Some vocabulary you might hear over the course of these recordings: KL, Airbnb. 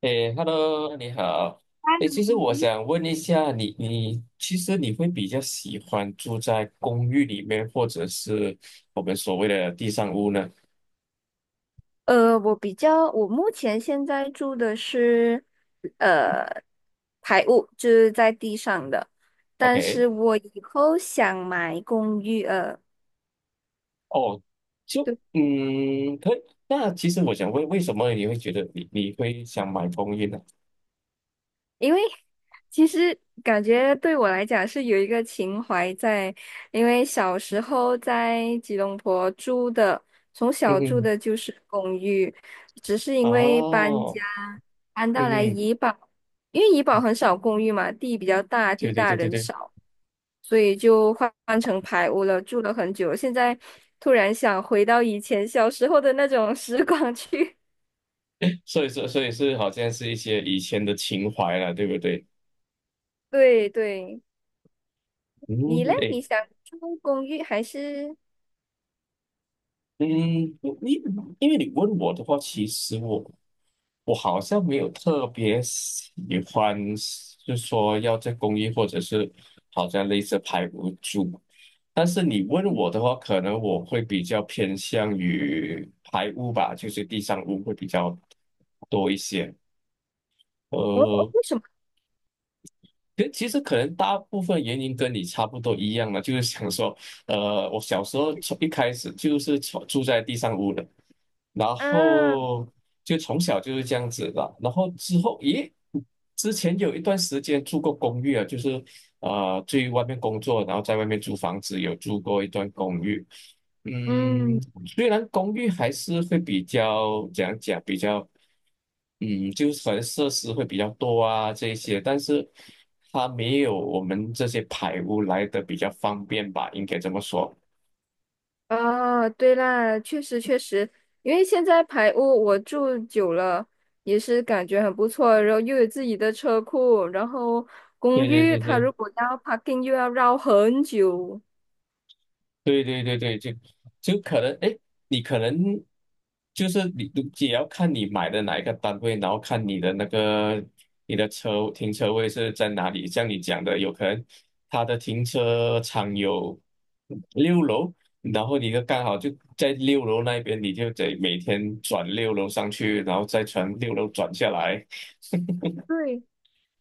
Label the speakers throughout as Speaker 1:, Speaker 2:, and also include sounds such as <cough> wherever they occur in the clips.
Speaker 1: 诶，Hello，你好。诶，其实我想问一下你，你其实你会比较喜欢住在公寓里面，或者是我们所谓的地上屋呢
Speaker 2: 我比较，我目前现在住的是，呃，排屋，就是在地上的，但
Speaker 1: ？OK，
Speaker 2: 是我以后想买公寓，
Speaker 1: 哦，就
Speaker 2: 对。
Speaker 1: 嗯，可以。那其实我想问，为什么你会觉得你会想买公寓呢？
Speaker 2: 因为其实感觉对我来讲是有一个情怀在，因为小时候在吉隆坡住的，从
Speaker 1: 嗯
Speaker 2: 小住
Speaker 1: 哼，
Speaker 2: 的就是公寓，只是因为搬
Speaker 1: 哦，
Speaker 2: 家搬到
Speaker 1: 嗯
Speaker 2: 来
Speaker 1: 哼，
Speaker 2: 怡保，因为怡保很少公寓嘛，地比较大，
Speaker 1: 对
Speaker 2: 地
Speaker 1: 对
Speaker 2: 大
Speaker 1: 对对
Speaker 2: 人
Speaker 1: 对，
Speaker 2: 少，所以就换成排屋了，住了很久。现在突然想回到以前小时候的那种 <laughs> 时光去，
Speaker 1: 所以说所以是好像是一些以前的情怀了，对不对？
Speaker 2: <laughs> 对对。
Speaker 1: 嗯，
Speaker 2: 你嘞？
Speaker 1: 诶。
Speaker 2: 你想住公寓还是？
Speaker 1: 嗯，你因为你问我的话，其实我好像没有特别喜欢，是说要在公寓，或者是好像类似排屋住。但是你问
Speaker 2: 嗯，
Speaker 1: 我的话，可能我会比较偏向于排污吧，就是地上污会比较多一些。
Speaker 2: 哦哦，
Speaker 1: 呃，
Speaker 2: 为什么
Speaker 1: 其实可能大部分原因跟你差不多一样嘛，就是想说，我小时候从一开始就是从住在地上屋的，然
Speaker 2: 啊？
Speaker 1: 后就从小就是这样子的。然后之后，咦，之前有一段时间住过公寓啊，就是去外面工作，然后在外面租房子，有住过一段公寓。
Speaker 2: 嗯，
Speaker 1: 嗯，虽然公寓还是会比较怎样讲，比较就是可能设施会比较多啊这一些，但是它没有我们这些排污来的比较方便吧，应该这么说。
Speaker 2: 哦，对啦，确实确实，因为现在排屋我住久了，也是感觉很不错，然后又有自己的车库，然后
Speaker 1: 对
Speaker 2: 公
Speaker 1: 对
Speaker 2: 寓
Speaker 1: 对
Speaker 2: 它如
Speaker 1: 对。
Speaker 2: 果要 parking 又要绕很久。
Speaker 1: 对对对对，就可能，哎，你可能就是你也要看你买的哪一个单位，然后看你的车停车位是在哪里。像你讲的，有可能他的停车场有六楼，然后你就刚好在六楼那边，你就得每天转六楼上去，然后再从六楼转下来。
Speaker 2: 对，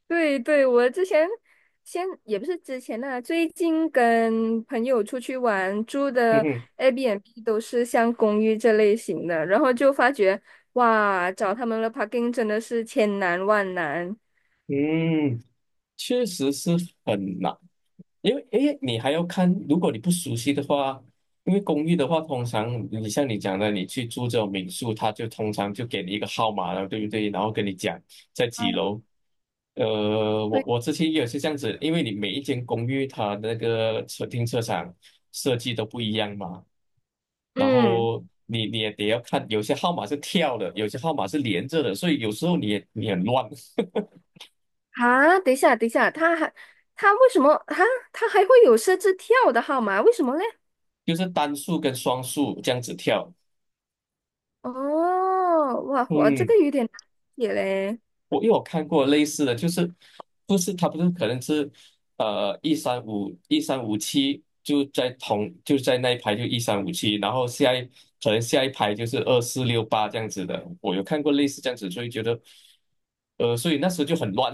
Speaker 2: 对对，我之前先也不是之前呢，最近跟朋友出去玩，住
Speaker 1: <laughs> 嗯
Speaker 2: 的
Speaker 1: 哼
Speaker 2: Airbnb 都是像公寓这类型的，然后就发觉哇，找他们的 parking 真的是千难万难。
Speaker 1: 嗯，确实是很难。因为诶，你还要看，如果你不熟悉的话，因为公寓的话，通常你像你讲的，你去住这种民宿，他就通常就给你一个号码了，对不对？然后跟你讲在几楼。我
Speaker 2: 对，
Speaker 1: 我之前也是这样子，因为你每一间公寓它的那个车停车场设计都不一样嘛，然
Speaker 2: 嗯，
Speaker 1: 后你也得要看，有些号码是跳的，有些号码是连着的，所以有时候你很乱，
Speaker 2: 啊，等一下，等一下，他为什么啊？他还会有设置跳的号码？为什么嘞？
Speaker 1: 就是单数跟双数这样子跳。
Speaker 2: 哦，哇，我这个
Speaker 1: 嗯，
Speaker 2: 有点难解嘞，
Speaker 1: 因为我看过类似的，不是可能是一三五一三五七就在那一排就一三五七，然后可能下一排就是2468这样子的，我有看过类似这样子，所以觉得所以那时候就很乱，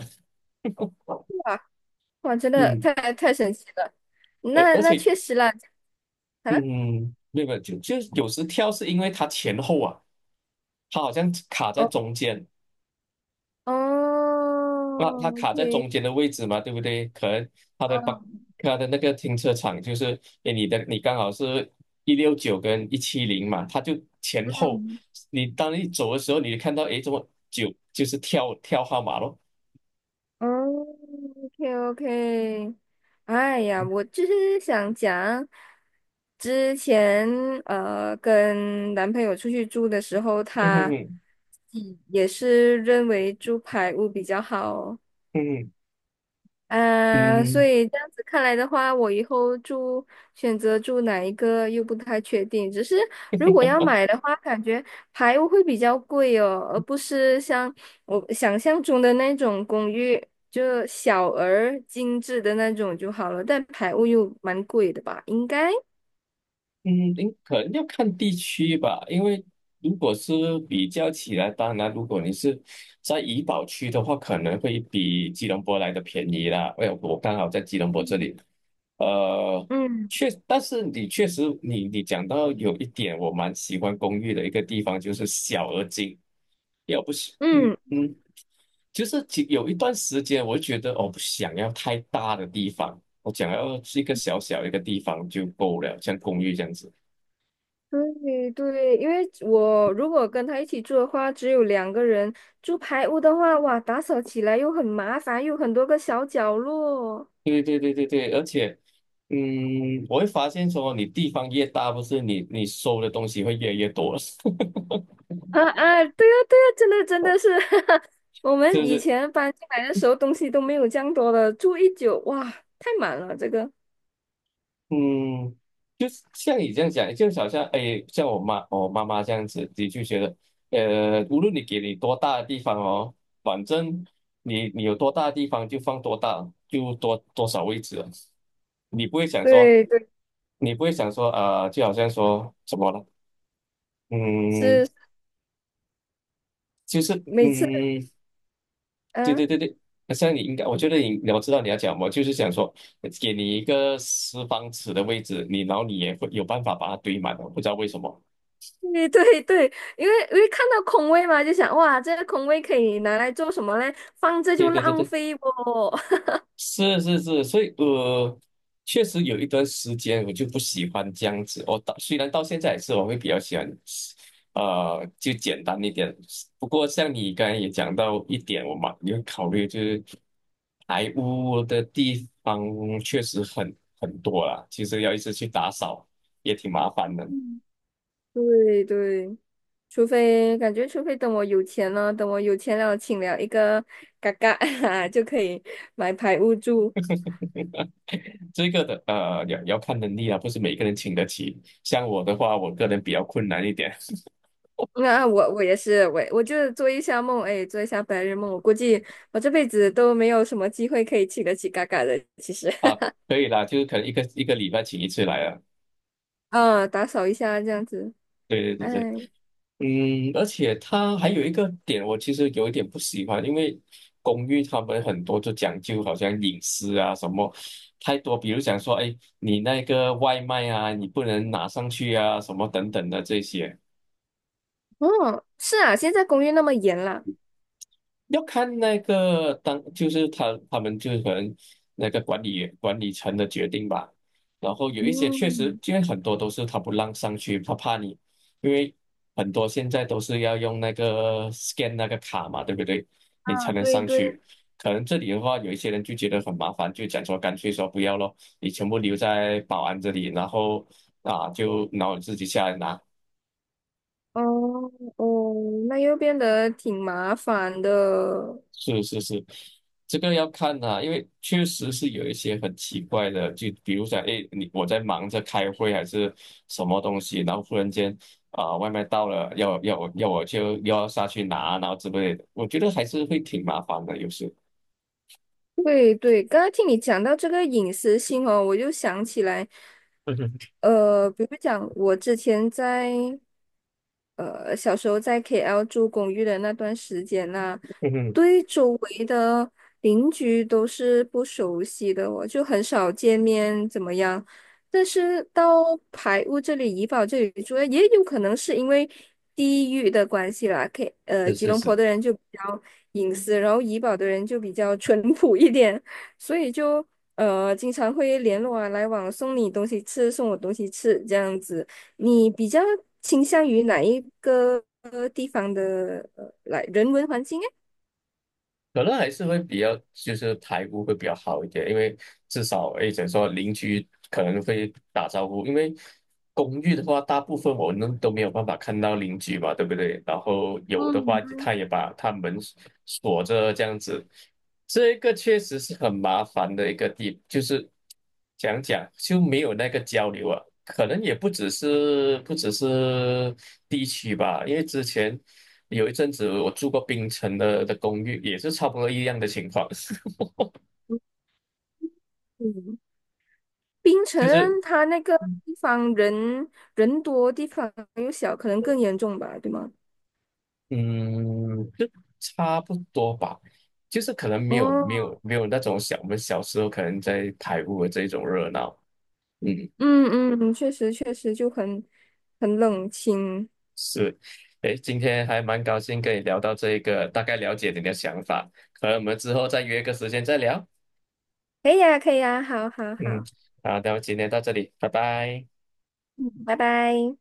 Speaker 2: 哇哇，真
Speaker 1: <laughs>
Speaker 2: 的
Speaker 1: 嗯，
Speaker 2: 太神奇了。
Speaker 1: 而
Speaker 2: 那
Speaker 1: 而
Speaker 2: 那
Speaker 1: 且
Speaker 2: 确实啦，啊。
Speaker 1: 嗯，没有没有，就有时跳是因为它前后啊，它好像卡在
Speaker 2: 哦
Speaker 1: 中间，那它
Speaker 2: 哦
Speaker 1: 卡在
Speaker 2: ，OK，
Speaker 1: 中间的位置嘛，对不对？可能它的把
Speaker 2: 哦，
Speaker 1: 它的那个停车场就是，诶，你刚好是169跟170嘛，它就前后，
Speaker 2: 嗯，
Speaker 1: 当你走的时候，你就看到诶，怎么九就是跳号码咯，
Speaker 2: 哦，OK，OK，哎呀，我就是想讲，之前跟男朋友出去住的时候，
Speaker 1: 嗯哼
Speaker 2: 他
Speaker 1: 哼
Speaker 2: 嗯也是认为住排屋比较好，
Speaker 1: 嗯
Speaker 2: 嗯，所
Speaker 1: 嗯。
Speaker 2: 以这样子看来的话，我以后住选择住哪一个又不太确定。只是如果要买的话，感觉排屋会比较贵哦，而不是像我想象中的那种公寓，就小而精致的那种就好了。但排屋又蛮贵的吧？应该，
Speaker 1: 嗯，您可能要看地区吧，因为如果是比较起来，当然如果你是在怡保区的话，可能会比吉隆坡来的便宜啦。哎，我刚好在吉隆坡这
Speaker 2: 嗯
Speaker 1: 里，呃，
Speaker 2: 嗯
Speaker 1: 但是你确实，你讲到有一点，我蛮喜欢公寓的一个地方，就是小而精，要不是，
Speaker 2: 嗯
Speaker 1: 嗯，就是有一段时间，我觉得我不想要太大的地方，我想要是一个小小一个地方就够了，像公寓这样子。
Speaker 2: 对对，因为我如果跟他一起住的话，只有两个人住排屋的话，哇，打扫起来又很麻烦，又很多个小角落。
Speaker 1: 对对对对对，而且，我会发现说，你地方越大，不是你你收的东西会越来越多，<laughs> 是
Speaker 2: 啊啊，对呀对呀，真的真的是，<laughs> 我们
Speaker 1: 不
Speaker 2: 以
Speaker 1: 是，
Speaker 2: 前搬进来的时候东西都没有这样多的，住一久，哇，太满了这个。
Speaker 1: 嗯，就是像你这样讲，就好像哎，像我妈妈这样子，你就觉得，无论你给你多大的地方哦，反正你有多大的地方就放多大，就多多少位置了你不会想说，
Speaker 2: 对对，
Speaker 1: 就好像说什么了，嗯，
Speaker 2: 是
Speaker 1: 就是
Speaker 2: 每次，
Speaker 1: 嗯。对
Speaker 2: 嗯、
Speaker 1: 对对对，那像你应该，我知道你要讲，我就是想说，给你一个四方尺的位置，然后你也会有办法把它堆满的，不知道为什么。
Speaker 2: 对对对，因为因为看到空位嘛，就想哇，这个空位可以拿来做什么嘞？放着
Speaker 1: 对
Speaker 2: 就
Speaker 1: 对对
Speaker 2: 浪
Speaker 1: 对。
Speaker 2: 费不？
Speaker 1: 是是是，所以确实有一段时间我就不喜欢这样子。虽然到现在也是，我会比较喜欢，就简单一点。不过像你刚才也讲到一点，我嘛有考虑就是排污的地方确实很多啦，其实要一直去打扫也挺麻烦的。
Speaker 2: <laughs> 对对，除非感觉，除非等我有钱了，等我有钱了，请了一个嘎嘎 <laughs> 就可以买排屋住。
Speaker 1: 这个的要看能力啊，不是每个人请得起。像我的话，我个人比较困难一点
Speaker 2: 那我我也是，我就做一下梦，哎，做一下白日梦。我估计我这辈子都没有什么机会可以请得起嘎嘎的。其实，
Speaker 1: <laughs> 啊，可以啦，就是可能一个礼拜请一次来啊。
Speaker 2: <laughs> 啊，打扫一下这样子。
Speaker 1: 对对对对，
Speaker 2: 哎，
Speaker 1: 而且它还有一个点，我其实有一点不喜欢，因为公寓他们很多就讲究好像隐私啊什么太多，比如讲说，哎，你那个外卖啊，你不能拿上去啊，什么等等的这些。
Speaker 2: 哦，是啊，现在公寓那么严啦。
Speaker 1: 要看那个当，就是他们就是可能那个管理层的决定吧。然后有一些确实，
Speaker 2: 嗯，
Speaker 1: 因为很多都是他不让上去，他怕你，因为很多现在都是要用那个 scan 那个卡嘛，对不对？你才
Speaker 2: 啊，
Speaker 1: 能
Speaker 2: 对
Speaker 1: 上
Speaker 2: 对，
Speaker 1: 去。可能这里的话，有一些人就觉得很麻烦，就讲说干脆说不要咯，你全部留在保安这里，然后自己下来拿。
Speaker 2: 哦哦，那又变得挺麻烦的。
Speaker 1: 是是是，这个要看啊，因为确实是有一些很奇怪的，就比如说，哎，你我在忙着开会还是什么东西，然后忽然间啊、外卖到了，要要我要我就要下去拿，然后之类的，我觉得还是会挺麻烦的，有时。
Speaker 2: 对对，刚刚听你讲到这个隐私性哦，我就想起来，
Speaker 1: <laughs> 嗯哼，
Speaker 2: 呃，比如讲我之前在小时候在 KL 住公寓的那段时间呐、
Speaker 1: 嗯哼，
Speaker 2: 对周围的邻居都是不熟悉的哦，我就很少见面，怎么样？但是到排屋这里、怡保这里住，也有可能是因为地域的关系啦。K，
Speaker 1: 是
Speaker 2: 吉
Speaker 1: 是
Speaker 2: 隆坡
Speaker 1: 是。
Speaker 2: 的人就比较隐私，然后怡保的人就比较淳朴一点，所以就经常会联络啊，来往，送你东西吃，送我东西吃这样子。你比较倾向于哪一个呃来人文环境诶？
Speaker 1: 可能还是会比较，就是排污会比较好一点，因为至少诶，怎么说邻居可能会打招呼，因为公寓的话，大部分我们都没有办法看到邻居嘛，对不对？然后有的话，他也把他门锁着这样子，这个确实是很麻烦的一个地，就是讲讲就没有那个交流啊，可能也不只是地区吧，因为之前。有一阵子我住过冰城的公寓，也是差不多一样的情况，<laughs>
Speaker 2: 嗯槟城
Speaker 1: 就是
Speaker 2: 它那个地方人人多，地方又小，可能更严重吧，对吗？
Speaker 1: 嗯，就差不多吧，就是可能
Speaker 2: 哦，
Speaker 1: 没有那种我们小时候可能在台湾的这种热闹，嗯，
Speaker 2: 嗯嗯，确实确实就很很冷清。
Speaker 1: 是，诶，今天还蛮高兴跟你聊到这个，大概了解你的想法，可能我们之后再约个时间再聊，
Speaker 2: 可以呀，可以呀，好好
Speaker 1: 嗯，
Speaker 2: 好，
Speaker 1: 好，那么今天到这里，拜拜。
Speaker 2: 嗯，拜拜。